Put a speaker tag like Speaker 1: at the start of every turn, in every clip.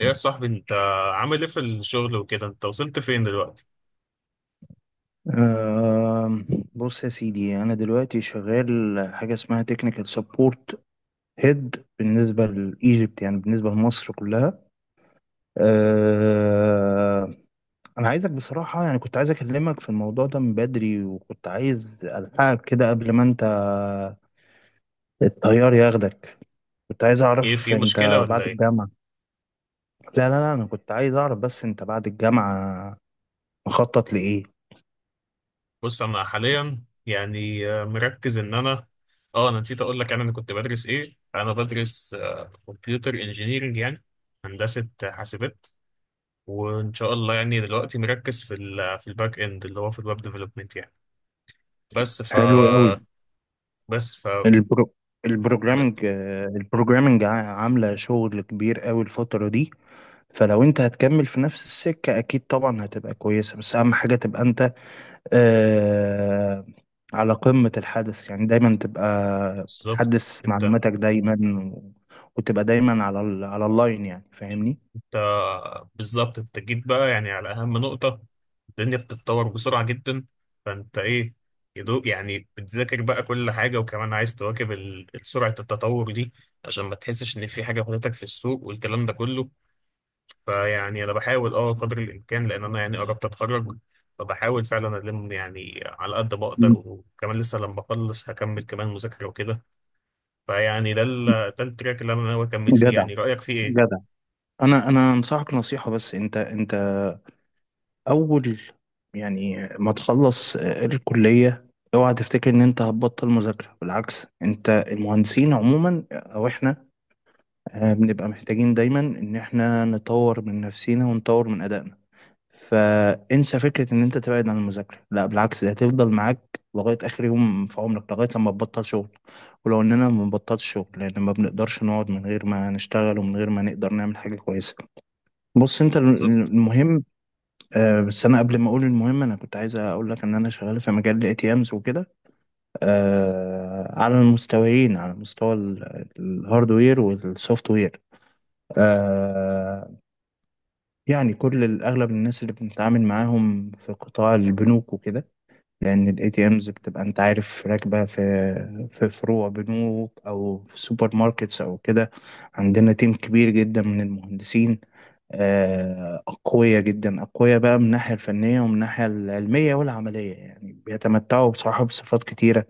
Speaker 1: ايه يا صاحبي انت عامل ايه في الشغل وكده؟ انت وصلت فين دلوقتي؟
Speaker 2: آم، بص يا سيدي أنا دلوقتي شغال حاجة اسمها تكنيكال سبورت هيد بالنسبة لإيجيبت، يعني بالنسبة لمصر كلها. آه، أنا عايزك بصراحة، يعني كنت عايز أكلمك في الموضوع ده من بدري، وكنت عايز ألحقك كده قبل ما أنت الطيار ياخدك. كنت عايز
Speaker 1: ايه،
Speaker 2: أعرف
Speaker 1: في مشكلة
Speaker 2: أنت
Speaker 1: ولا
Speaker 2: بعد
Speaker 1: ايه؟
Speaker 2: الجامعة. لا، أنا كنت عايز أعرف بس أنت بعد الجامعة مخطط لإيه.
Speaker 1: بص انا حاليا يعني مركز ان انا اه انا نسيت اقول لك، يعني انا كنت بدرس ايه. انا بدرس كمبيوتر انجينيرنج، يعني هندسة حاسبات. وان شاء الله يعني دلوقتي مركز في ال في الباك اند، اللي هو في الويب ديفلوبمنت يعني. بس ف
Speaker 2: حلو قوي.
Speaker 1: بس ف
Speaker 2: البرو...
Speaker 1: م-
Speaker 2: البروجرامينج، البروجرامينج عاملة شغل كبير قوي الفترة دي. فلو انت هتكمل في نفس السكة، اكيد طبعا هتبقى كويسة، بس اهم حاجة تبقى انت آه على قمة الحدث، يعني دايما تبقى
Speaker 1: بالظبط
Speaker 2: بتحدث
Speaker 1: انت.
Speaker 2: معلوماتك دايما و... وتبقى دايما على على اللاين، يعني فاهمني؟
Speaker 1: بالظبط انت جيت بقى يعني على اهم نقطة. الدنيا بتتطور بسرعة جدا، فانت ايه يدوق يعني، بتذاكر بقى كل حاجة وكمان عايز تواكب سرعة التطور دي، عشان ما تحسش ان في حاجة فاتتك في السوق والكلام ده كله. فيعني انا بحاول قدر الامكان، لان انا يعني قربت اتخرج، فبحاول فعلا الم يعني على قد ما اقدر،
Speaker 2: م-
Speaker 1: وكمان لسه لما اخلص هكمل كمان مذاكرة وكده. فيعني ده التراك اللي انا ناوي اكمل فيه،
Speaker 2: جدع،
Speaker 1: يعني رأيك فيه ايه؟
Speaker 2: جدع. انا انصحك نصيحة، بس انت اول يعني ما تخلص الكلية، اوعى تفتكر ان انت هتبطل مذاكرة. بالعكس، انت المهندسين عموما او احنا بنبقى محتاجين دايما ان احنا نطور من نفسينا ونطور من ادائنا. فانسى فكرة ان انت تبعد عن المذاكرة، لا بالعكس، دي هتفضل معاك لغاية اخر يوم في عمرك، لغاية لما تبطل شغل. ولو اننا ما بنبطلش شغل، لان ما بنقدرش نقعد من غير ما نشتغل ومن غير ما نقدر نعمل حاجة كويسة. بص انت المهم، أه بس انا قبل ما اقول المهم، انا كنت عايز اقول لك ان انا شغال في مجال الاي تي امز وكده. أه على المستويين، على مستوى الهاردوير والسوفت وير. أه يعني كل اغلب الناس اللي بنتعامل معاهم في قطاع البنوك وكده، لان الاي تي امز بتبقى، انت عارف، راكبه في فروع بنوك او في سوبر ماركتس او كده. عندنا تيم كبير جدا من المهندسين، أقوياء جدا، أقوياء بقى من الناحية الفنية ومن الناحية العلمية والعملية. يعني بيتمتعوا بصراحة بصفات كتيرة،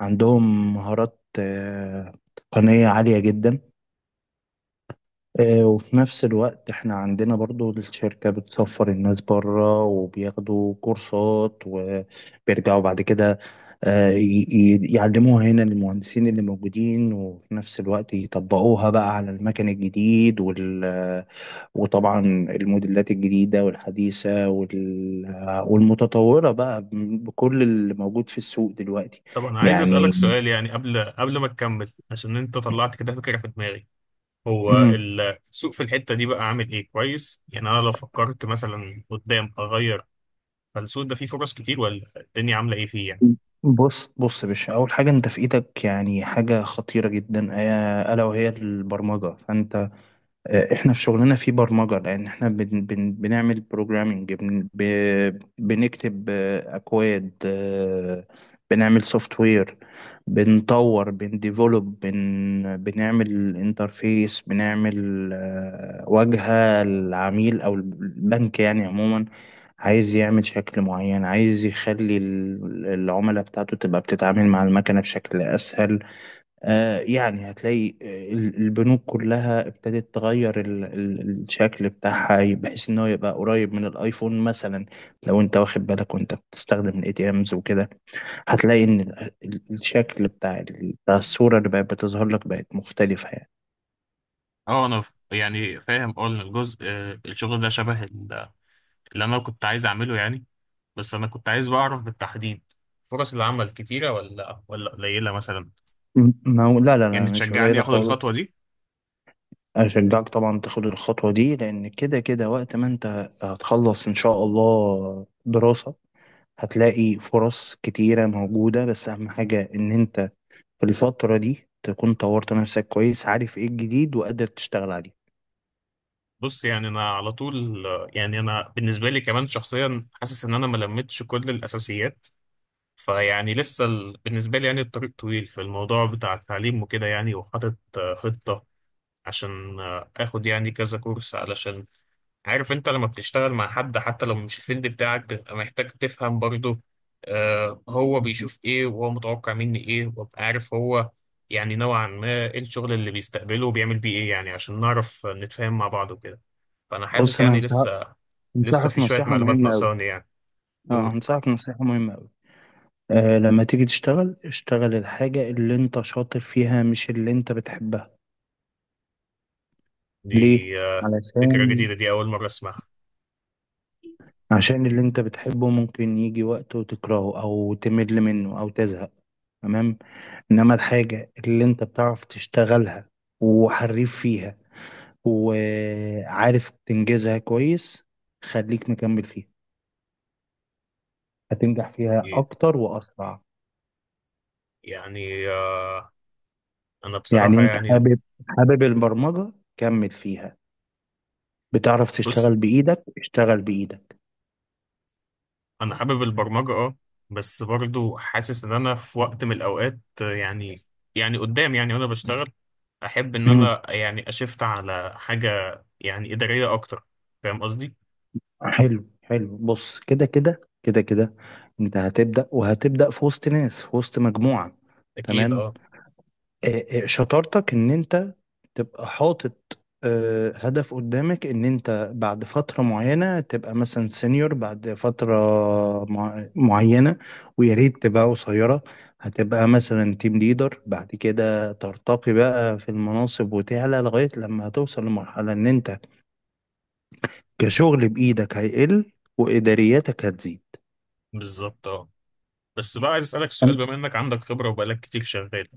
Speaker 2: عندهم مهارات تقنية عالية جدا. وفي نفس الوقت احنا عندنا برضو الشركة بتسفر الناس بره وبياخدوا كورسات وبيرجعوا بعد كده يعلموها هنا للمهندسين اللي موجودين، وفي نفس الوقت يطبقوها بقى على المكن الجديد. وطبعا الموديلات الجديدة والحديثة والمتطورة بقى، بكل اللي موجود في السوق دلوقتي
Speaker 1: طب انا عايز اسالك
Speaker 2: يعني.
Speaker 1: سؤال يعني قبل ما تكمل، عشان انت طلعت كده فكره في دماغي. هو
Speaker 2: مم.
Speaker 1: السوق في الحته دي بقى عامل ايه؟ كويس؟ يعني انا لو فكرت مثلا قدام اغير، فالسوق ده فيه فرص كتير ولا الدنيا عامله ايه فيه يعني؟
Speaker 2: بص بص يا باشا، أول حاجة أنت في إيدك يعني حاجة خطيرة جدا، ألا وهي البرمجة. فأنت احنا في شغلنا في برمجة، لان احنا بن بنعمل بروجرامنج، بنكتب اكواد، بنعمل سوفت وير، بنطور، بنديفلوب، بنعمل انترفيس، بنعمل واجهة العميل او البنك. يعني عموما عايز يعمل شكل معين، عايز يخلي العملاء بتاعته تبقى بتتعامل مع المكنة بشكل اسهل. يعني هتلاقي البنوك كلها ابتدت تغير الشكل بتاعها، بحيث ان هو يبقى قريب من الايفون مثلا. لو انت واخد بالك وانت بتستخدم الاي تي امز وكده، هتلاقي ان الشكل بتاع بتاع الصورة اللي بقت بتظهر لك بقت مختلفة يعني.
Speaker 1: اه انا يعني فاهم ان الجزء الشغل ده شبه اللي انا كنت عايز اعمله يعني. بس انا كنت عايز بقى اعرف بالتحديد، فرص العمل كتيره ولا ولا قليله مثلا؟
Speaker 2: ما هو لا،
Speaker 1: يعني
Speaker 2: مش
Speaker 1: تشجعني
Speaker 2: قليلة
Speaker 1: اخد الخطوه
Speaker 2: خالص.
Speaker 1: دي؟
Speaker 2: أشجعك طبعا تاخد الخطوة دي، لأن كده كده وقت ما أنت هتخلص إن شاء الله دراسة، هتلاقي فرص كتيرة موجودة. بس أهم حاجة إن أنت في الفترة دي تكون طورت نفسك كويس، عارف ايه الجديد وقادر تشتغل عليه.
Speaker 1: بص يعني انا على طول، يعني انا بالنسبه لي كمان شخصيا حاسس ان انا ما لمتش كل الاساسيات، فيعني لسه بالنسبه لي يعني الطريق طويل في الموضوع بتاع التعليم وكده يعني. وحاطط خطه عشان اخد يعني كذا كورس. علشان عارف، انت لما بتشتغل مع حد حتى لو مش الفيلد بتاعك، بتبقى محتاج تفهم برضه هو بيشوف ايه، وهو متوقع مني ايه، وابقى عارف هو يعني نوعا ما ايه الشغل اللي بيستقبله وبيعمل بيه ايه، يعني عشان نعرف نتفاهم مع بعض وكده. فانا حاسس
Speaker 2: بص انا
Speaker 1: يعني
Speaker 2: هنصحك
Speaker 1: لسه، لسه
Speaker 2: هنصحك
Speaker 1: في شوية
Speaker 2: نصيحة
Speaker 1: معلومات
Speaker 2: مهمة أوي.
Speaker 1: ناقصاني يعني.
Speaker 2: اه
Speaker 1: قول.
Speaker 2: هنصحك نصيحة مهمة أوي. آه لما تيجي تشتغل، اشتغل الحاجة اللي انت شاطر فيها مش اللي انت بتحبها.
Speaker 1: دي
Speaker 2: ليه؟
Speaker 1: فكرة
Speaker 2: علشان،
Speaker 1: جديدة، دي اول مرة اسمعها.
Speaker 2: عشان اللي انت بتحبه ممكن يجي وقت وتكرهه او تمل منه او تزهق. تمام. انما الحاجة اللي انت بتعرف تشتغلها وحريف فيها وعارف تنجزها كويس، خليك مكمل فيها، هتنجح فيها
Speaker 1: دي-
Speaker 2: أكتر وأسرع.
Speaker 1: يعني انا
Speaker 2: يعني
Speaker 1: بصراحة
Speaker 2: أنت
Speaker 1: يعني،
Speaker 2: حابب، حابب البرمجة، كمل فيها. بتعرف
Speaker 1: بص
Speaker 2: تشتغل بإيدك، اشتغل بإيدك.
Speaker 1: انا حابب البرمجه اه، بس برضو حاسس ان انا في وقت من الاوقات يعني، يعني قدام يعني وانا بشتغل، احب ان
Speaker 2: مم.
Speaker 1: انا يعني اشفت على حاجه يعني اداريه اكتر. فاهم قصدي؟
Speaker 2: حلو حلو، بص كده، أنت هتبدأ وهتبدأ في وسط ناس، في وسط مجموعة.
Speaker 1: اكيد
Speaker 2: تمام.
Speaker 1: اه.
Speaker 2: شطارتك إن أنت تبقى حاطط هدف قدامك ان انت بعد فترة معينة تبقى مثلا سينيور بعد فترة معينة، ويا ريت تبقى قصيرة. هتبقى مثلا تيم ليدر، بعد كده ترتقي بقى في المناصب وتعلى لغاية لما هتوصل لمرحلة ان انت كشغل بإيدك هيقل وإدارياتك هتزيد.
Speaker 1: بالظبط اه. بس بقى عايز اسالك سؤال، بما انك عندك خبره وبقالك كتير شغال،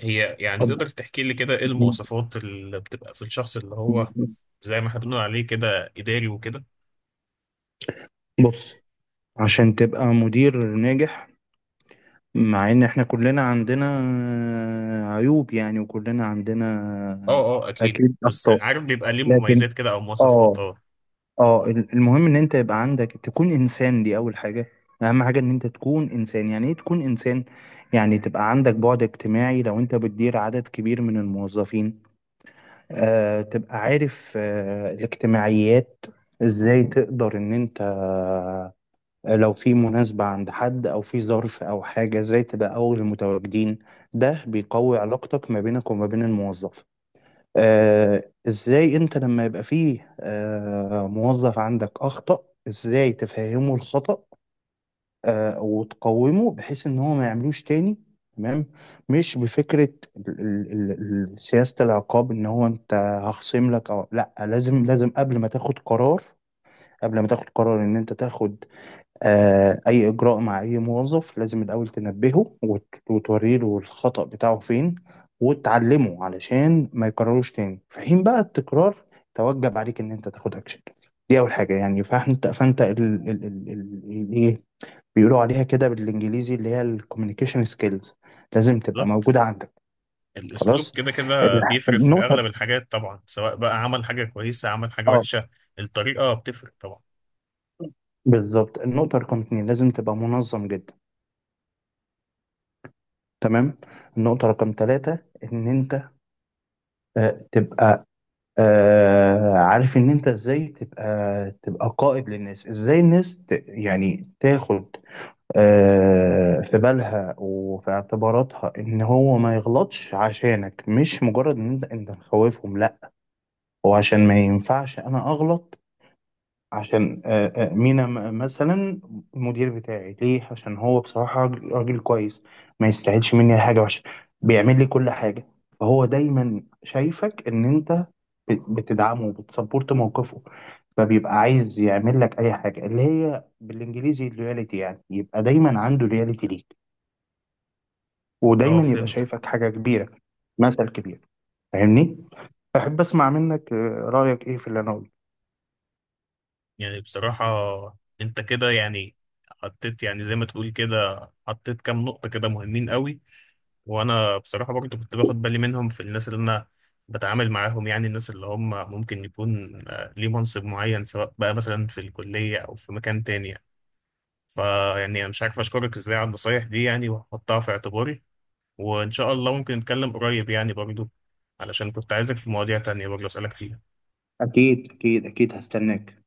Speaker 1: هي يعني تقدر
Speaker 2: فأنت-
Speaker 1: تحكي لي كده ايه المواصفات اللي بتبقى في الشخص اللي هو زي ما احنا بنقول عليه كده اداري وكده؟
Speaker 2: بص، عشان تبقى مدير ناجح، مع ان احنا كلنا عندنا عيوب يعني، وكلنا
Speaker 1: اه.
Speaker 2: عندنا
Speaker 1: اه اكيد،
Speaker 2: اكيد
Speaker 1: بس
Speaker 2: اخطاء،
Speaker 1: عارف بيبقى ليه
Speaker 2: لكن
Speaker 1: مميزات كده او مواصفات
Speaker 2: اه،
Speaker 1: اه.
Speaker 2: اه المهم ان انت يبقى عندك تكون انسان. دي اول حاجة، اهم حاجة ان انت تكون انسان. يعني ايه تكون انسان؟ يعني تبقى عندك بعد اجتماعي، لو انت بتدير عدد كبير من الموظفين، تبقى عارف الاجتماعيات، ازاي تقدر ان انت لو في مناسبة عند حد أو في ظرف أو حاجة إزاي تبقى أول المتواجدين. ده بيقوي علاقتك ما بينك وما بين الموظف. إزاي أنت لما يبقى فيه موظف عندك أخطأ، إزاي تفهمه الخطأ وتقومه بحيث إن هو ما يعملوش تاني. تمام. مش بفكرة ال- ال- سياسة العقاب إن هو أنت هخصم لك أو لأ. لازم قبل ما تاخد قرار، قبل ما تاخد قرار إن أنت تاخد أي إجراء مع أي موظف، لازم الأول تنبهه وتوري له الخطأ بتاعه فين وتعلمه، علشان ما يكرروش تاني. في حين بقى التكرار توجب عليك إن أنت تاخد أكشن. دي أول حاجة يعني. فأنت فأنت ال ال ال ال ال- إيه بيقولوا عليها كده بالإنجليزي؟ اللي هي الكوميونيكيشن سكيلز، لازم تبقى موجودة عندك.
Speaker 1: الاسلوب
Speaker 2: خلاص.
Speaker 1: كده كده بيفرق في
Speaker 2: النقطة،
Speaker 1: اغلب الحاجات طبعا، سواء بقى عمل حاجه كويسه عمل حاجه
Speaker 2: اه،
Speaker 1: وحشه. الطريقه بتفرق طبعا.
Speaker 2: بالظبط، النقطة رقم اتنين، لازم تبقى منظم جدا. تمام. النقطة رقم ثلاثة إن أنت تبقى عارف ان انت ازاي تبقى قائد للناس، ازاي الناس ت يعني تاخد في بالها وفي اعتباراتها ان هو ما يغلطش عشانك، مش مجرد ان انت مخوفهم، لا. هو عشان ما ينفعش انا اغلط، عشان مينا مثلا المدير بتاعي ليه؟ عشان هو بصراحة راجل كويس، ما يستاهلش مني حاجة وحشة، بيعمل لي كل حاجة. فهو دايما شايفك ان انت بتدعمه وبتسبورت موقفه، فبيبقى عايز يعمل لك اي حاجة، اللي هي بالانجليزي اللويالتي، يعني يبقى دايما عنده لويالتي ليك،
Speaker 1: اه
Speaker 2: ودايما يبقى
Speaker 1: فهمت.
Speaker 2: شايفك حاجة كبيرة، مثل كبير. فاهمني؟ احب اسمع منك رأيك ايه في اللي انا قلته.
Speaker 1: يعني بصراحه انت كده يعني حطيت يعني زي ما تقول كده، حطيت كام نقطه كده مهمين قوي. وانا بصراحه برضو كنت باخد بالي منهم في الناس اللي انا بتعامل معاهم، يعني الناس اللي هم ممكن يكون ليه منصب معين، سواء بقى مثلا في الكليه او في مكان تاني يعني. فيعني انا مش عارف اشكرك ازاي على النصايح دي يعني، وهحطها في اعتباري. وإن شاء الله ممكن نتكلم قريب يعني برضو، علشان كنت عايزك في مواضيع تانية برضو أسألك فيها.
Speaker 2: اكيد، هستناك.